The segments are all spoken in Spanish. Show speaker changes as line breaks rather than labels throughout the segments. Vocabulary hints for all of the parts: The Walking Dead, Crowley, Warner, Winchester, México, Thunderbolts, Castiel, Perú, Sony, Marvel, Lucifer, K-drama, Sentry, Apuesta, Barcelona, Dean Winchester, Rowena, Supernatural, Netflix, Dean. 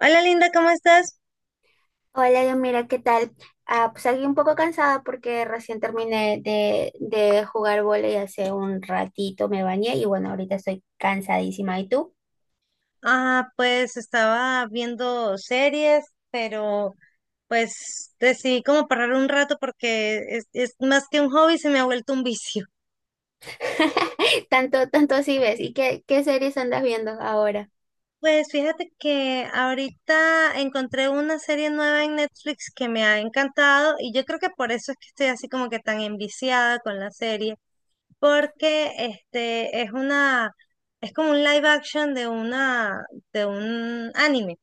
Hola Linda, ¿cómo estás?
Hola, yo mira, ¿qué tal? Ah, pues aquí un poco cansada porque recién terminé de jugar vóley hace un ratito, me bañé y bueno, ahorita estoy cansadísima. ¿Y tú?
Ah, pues estaba viendo series, pero pues decidí como parar un rato porque es más que un hobby, se me ha vuelto un vicio.
Tanto, tanto así ves. ¿Y qué series andas viendo ahora?
Pues fíjate que ahorita encontré una serie nueva en Netflix que me ha encantado y yo creo que por eso es que estoy así como que tan enviciada con la serie, porque este es como un live action de un anime.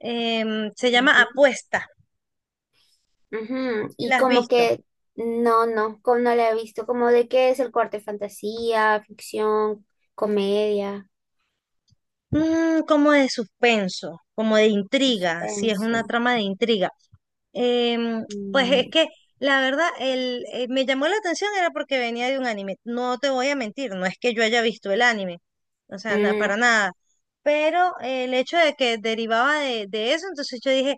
Se llama
Ujú.
Apuesta.
Ujú.
¿Si
Y
la has
como
visto?
que, no, no, como no la he visto, como de qué es el corte: fantasía, ficción, comedia,
Como de suspenso, como de intriga, si es una
suspenso.
trama de intriga. Em, pues es
Mm,
que la verdad, me llamó la atención era porque venía de un anime. No te voy a mentir, no es que yo haya visto el anime, o sea, para
mm,
nada. Pero el hecho de que derivaba de eso, entonces yo dije,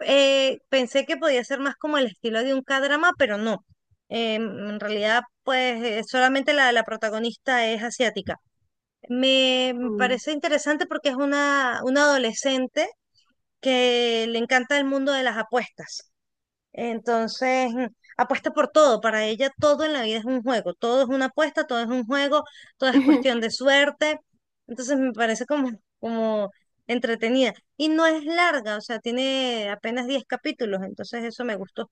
pensé que podía ser más como el estilo de un K-drama, pero no. Em, en realidad, pues solamente la protagonista es asiática. Me
mm.
parece interesante porque es una adolescente que le encanta el mundo de las apuestas. Entonces, apuesta por todo. Para ella todo en la vida es un juego. Todo es una apuesta, todo es un juego, todo es cuestión de suerte. Entonces, me parece como entretenida. Y no es larga, o sea, tiene apenas 10 capítulos. Entonces, eso me gustó.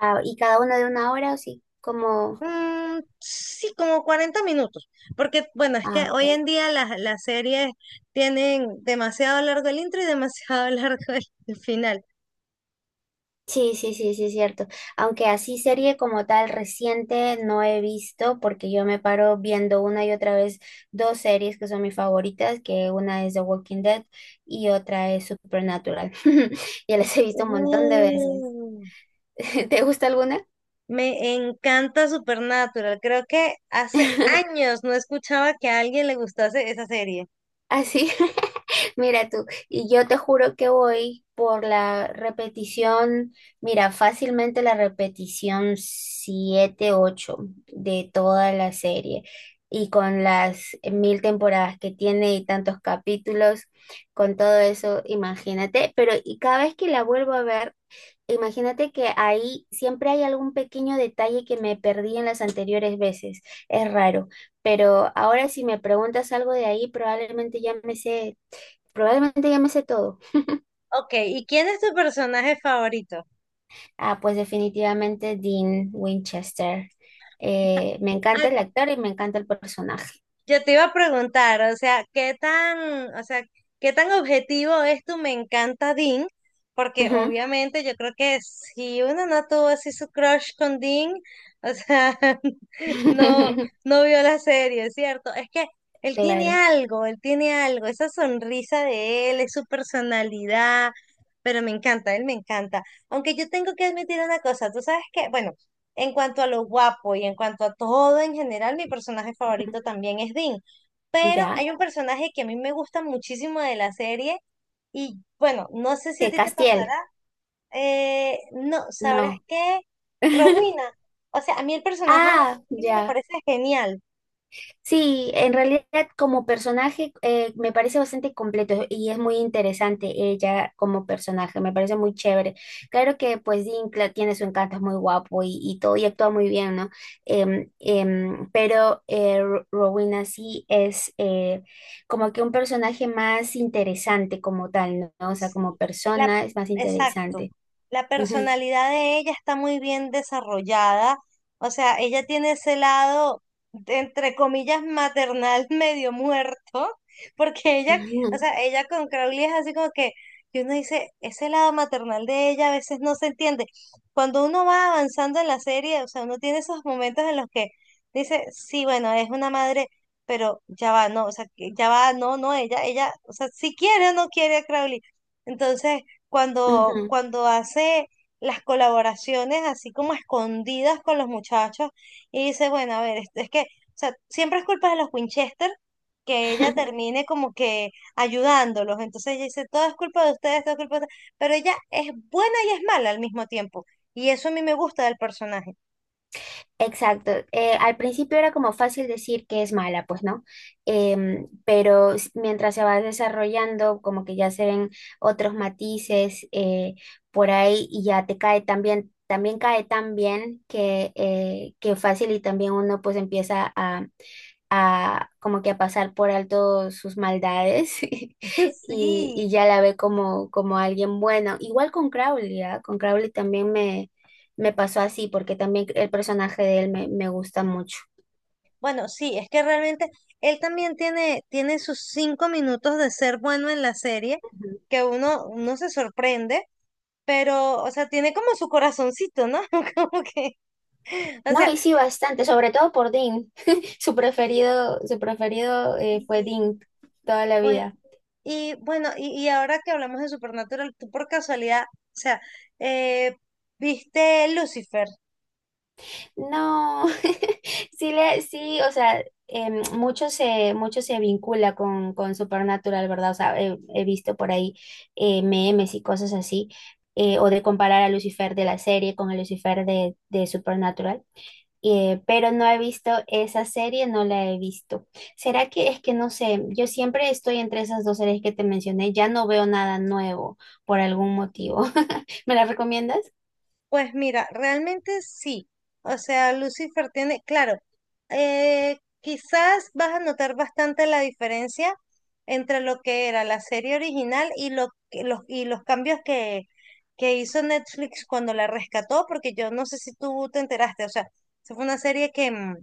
Ah, ¿y cada una de una hora o sí? Como...
Mm, sí, como 40 minutos, porque bueno, es
Ah,
que
ok.
hoy en día las series tienen demasiado largo el intro y demasiado largo el final.
Sí, sí, sí, sí, es cierto. Aunque así serie como tal reciente no he visto, porque yo me paro viendo una y otra vez dos series que son mis favoritas, que una es The Walking Dead y otra es Supernatural. Ya las he visto un montón de veces.
Uh,
¿Te gusta alguna?
Me encanta Supernatural, creo que hace años no escuchaba que a alguien le gustase esa serie.
¿Así? Mira tú, y yo te juro que voy por la repetición, mira, fácilmente la repetición 7 8 de toda la serie. Y con las mil temporadas que tiene y tantos capítulos, con todo eso, imagínate. Pero y cada vez que la vuelvo a ver, imagínate que ahí siempre hay algún pequeño detalle que me perdí en las anteriores veces. Es raro. Pero ahora si me preguntas algo de ahí, Probablemente ya me sé todo.
Ok, ¿y quién es tu personaje favorito?
Ah, pues definitivamente Dean Winchester. Me encanta
Ay,
el actor y me encanta el personaje.
yo te iba a preguntar, o sea, ¿qué tan, o sea, qué tan objetivo es tu "Me encanta Dean"? Porque
Ujú.
obviamente yo creo que si uno no tuvo así su crush con Dean, o sea, no, no vio la serie, ¿cierto? Es que
Claro.
él tiene algo, esa sonrisa de él, es su personalidad, pero me encanta, él me encanta. Aunque yo tengo que admitir una cosa, tú sabes que, bueno, en cuanto a lo guapo y en cuanto a todo en general, mi personaje
Ujú.
favorito también es Dean. Pero
¿Ya?
hay un personaje que a mí me gusta muchísimo de la serie y bueno, no sé si a
¿Que
ti te pasará.
Castiel?
No, ¿sabrás
No.
qué? Rowena. O sea, a mí el personaje de
Ah,
Rowena me
ya.
parece genial.
Sí, en realidad como personaje me parece bastante completo y es muy interesante ella como personaje, me parece muy chévere. Claro que pues Dean tiene su encanto, es muy guapo y todo y actúa muy bien, ¿no? Pero Rowena sí es como que un personaje más interesante como tal, ¿no? O sea,
Sí,
como
la,
persona es más
exacto.
interesante.
La
Ujú,
personalidad de ella está muy bien desarrollada. O sea, ella tiene ese lado, entre comillas, maternal medio muerto, porque ella, o
ujú,
sea, ella con Crowley es así como que uno dice, ese lado maternal de ella a veces no se entiende. Cuando uno va avanzando en la serie, o sea, uno tiene esos momentos en los que dice, sí, bueno, es una madre. Pero ya va, no, o sea, que ya va, no, no, ella, o sea, si quiere o no quiere a Crowley entonces, cuando,
ujú.
cuando hace las colaboraciones así como escondidas con los muchachos y dice, bueno, a ver, esto es que, o sea, siempre es culpa de los Winchester que ella termine como que ayudándolos. Entonces ella dice, todo es culpa de ustedes, todo es culpa de ustedes. Pero ella es buena y es mala al mismo tiempo. Y eso a mí me gusta del personaje.
Exacto. Al principio era como fácil decir que es mala, pues no. Pero mientras se va desarrollando, como que ya se ven otros matices por ahí y ya te cae también, también cae tan bien que fácil y también uno pues empieza a como que a pasar por alto sus maldades, y,
Sí.
y ya la ve como alguien bueno. Igual con Crowley, ¿ah? Con Crowley también me pasó así, porque también el personaje de él me gusta mucho.
Bueno, sí, es que realmente él también tiene sus 5 minutos de ser bueno en la serie,
Ujú.
que uno se sorprende, pero, o sea, tiene como su corazoncito, ¿no? Como que, o
No,
sea,
y sí, bastante, sobre todo por Dean. Su preferido fue
y,
Dean toda la
bueno,
vida.
y bueno, y ahora que hablamos de Supernatural, tú por casualidad, o sea, eh, ¿viste Lucifer?
No, sí, sí, o sea, mucho se vincula con Supernatural, ¿verdad? O sea, he visto por ahí memes y cosas así, o de comparar a Lucifer de la serie con el Lucifer de Supernatural. Pero no he visto esa serie, no la he visto. ¿Será que es que no sé? Yo siempre estoy entre esas dos series que te mencioné, ya no veo nada nuevo por algún motivo. ¿Me la recomiendas?
Pues mira, realmente sí. O sea, Lucifer tiene, claro, quizás vas a notar bastante la diferencia entre lo que era la serie original y, lo, y los cambios que hizo Netflix cuando la rescató, porque yo no sé si tú te enteraste, o sea, esa fue una serie que, mm,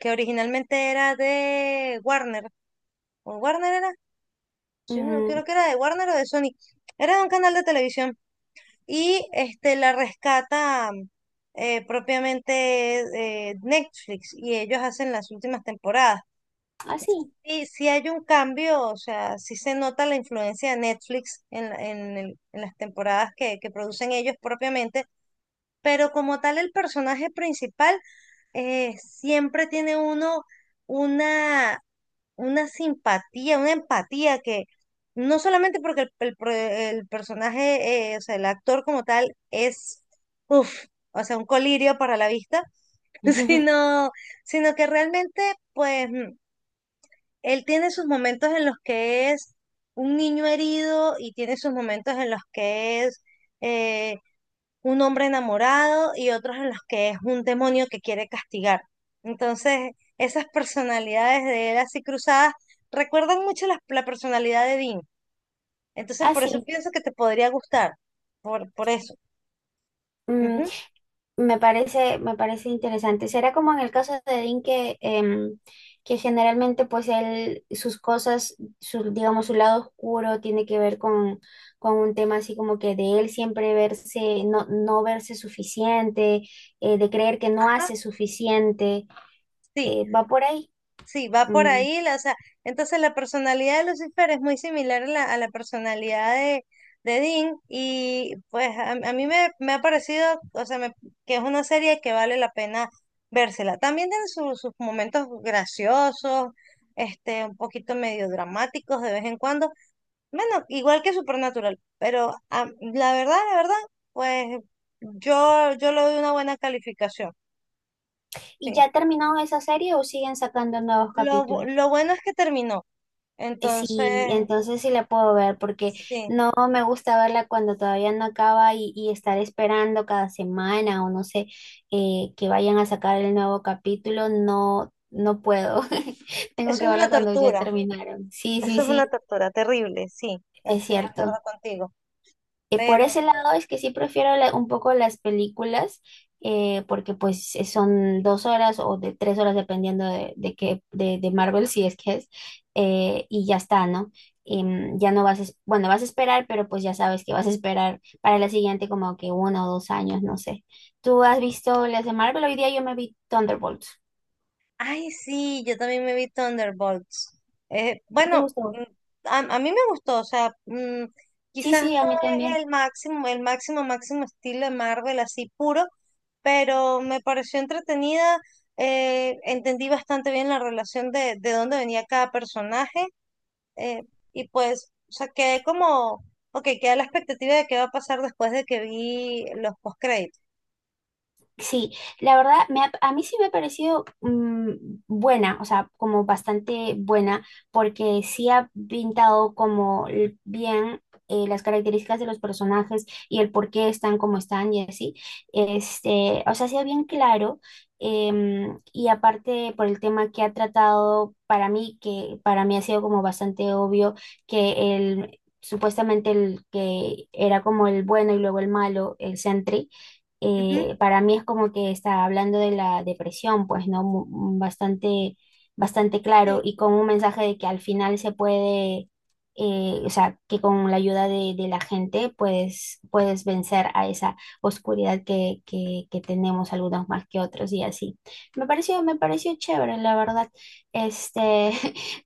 que originalmente era de Warner, o Warner era, yo no
Mm,
creo que era de Warner o de Sony, era de un canal de televisión y la rescata propiamente Netflix y ellos hacen las últimas temporadas.
así,
Y si hay un cambio, o sea, si se nota la influencia de Netflix en, la- en el- en las temporadas que producen ellos propiamente, pero como tal el personaje principal siempre tiene uno una una simpatía, una empatía que no solamente porque el personaje, o sea, el actor como tal es, uff, o sea, un colirio para la vista, sino, sino que realmente, pues, él tiene sus momentos en los que es un niño herido y tiene sus momentos en los que es... eh, un hombre enamorado y otros en los que es un demonio que quiere castigar. Entonces, esas personalidades de él así cruzadas recuerdan mucho la personalidad de Dean. Entonces, por eso
así.
pienso que te podría gustar, por eso.
mm,
Ujú.
me parece interesante. Será como en el caso de Dean que generalmente pues él, sus cosas, su, digamos, su lado oscuro tiene que ver con un tema así como que de él siempre verse, no, no verse suficiente, de creer que no
Ajá,
hace suficiente.
sí.
Va por ahí.
Sí, va por
Mm.
ahí, o sea, entonces la personalidad de Lucifer es muy similar a la personalidad de Dean y pues a mí me ha parecido, o sea, que es una serie que vale la pena vérsela. También tiene sus momentos graciosos, un poquito medio dramáticos de vez en cuando, bueno, igual que Supernatural, pero ah, la verdad, pues yo le doy una buena calificación,
¿Y
sí.
ya terminó esa serie o siguen sacando nuevos
Lo, bu-
capítulos?
lo bueno es que terminó.
Sí,
Entonces,
entonces sí la puedo ver porque
sí,
no me gusta verla cuando todavía no acaba y estar esperando cada semana o no sé que vayan a sacar el nuevo capítulo, no, no puedo. Tengo
eso
que
es una
verla cuando ya
tortura,
terminaron. Sí, sí,
eso es una
sí,
tortura terrible, sí,
es
estoy de acuerdo
cierto.
contigo.
Por
Pero,
ese lado es que sí prefiero un poco las películas, porque pues son 2 horas o de 3 horas dependiendo de qué, de Marvel si es que es, y ya está, ¿no? Ya no vas, bueno, vas a esperar, pero pues ya sabes que vas a esperar para la siguiente como que 1 o 2 años, no sé. ¿Tú has visto las de Marvel? Hoy día yo me vi Thunderbolts.
ay, sí, yo también me vi Thunderbolts. Eh,
¿Sí te
bueno,
gustó?
mm, a, a mí me gustó, o sea,
Sí,
quizás
sí, a mí
no es
también.
el máximo, máximo estilo de Marvel así puro, pero me pareció entretenida, entendí bastante bien la relación de dónde venía cada personaje eh, y pues, o sea, quedé como, ok, queda la expectativa de qué va a pasar después de que vi los postcréditos.
Sí, la verdad, a mí sí me ha parecido buena, o sea, como bastante buena, porque sí ha pintado como bien las características de los personajes y el por qué están como están y así. Este, o sea, sí ha bien claro, y aparte por el tema que ha tratado para mí, que para mí ha sido como bastante obvio que el... Supuestamente el que era como el bueno y luego el malo, el Sentry,
Ujú,
para mí es como que está hablando de la depresión, pues, ¿no? Bastante, bastante claro
sí.
y con un mensaje de que al final se puede, o sea, que con la ayuda de la gente puedes vencer a esa oscuridad que tenemos algunos más que otros y así. Me pareció chévere, la verdad. Este,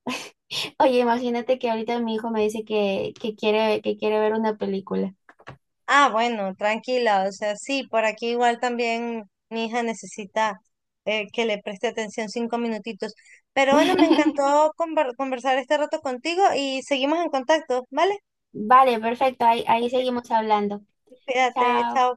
oye, imagínate que ahorita mi hijo me dice que quiere ver una película.
Ah, bueno, tranquila, o sea, sí, por aquí igual también mi hija necesita que le preste atención 5 minutitos. Pero bueno, me encantó conversar este rato contigo y seguimos en contacto, ¿vale?
Vale, perfecto. Ahí, ahí
Ok,
seguimos hablando.
cuídate,
Chao.
chao.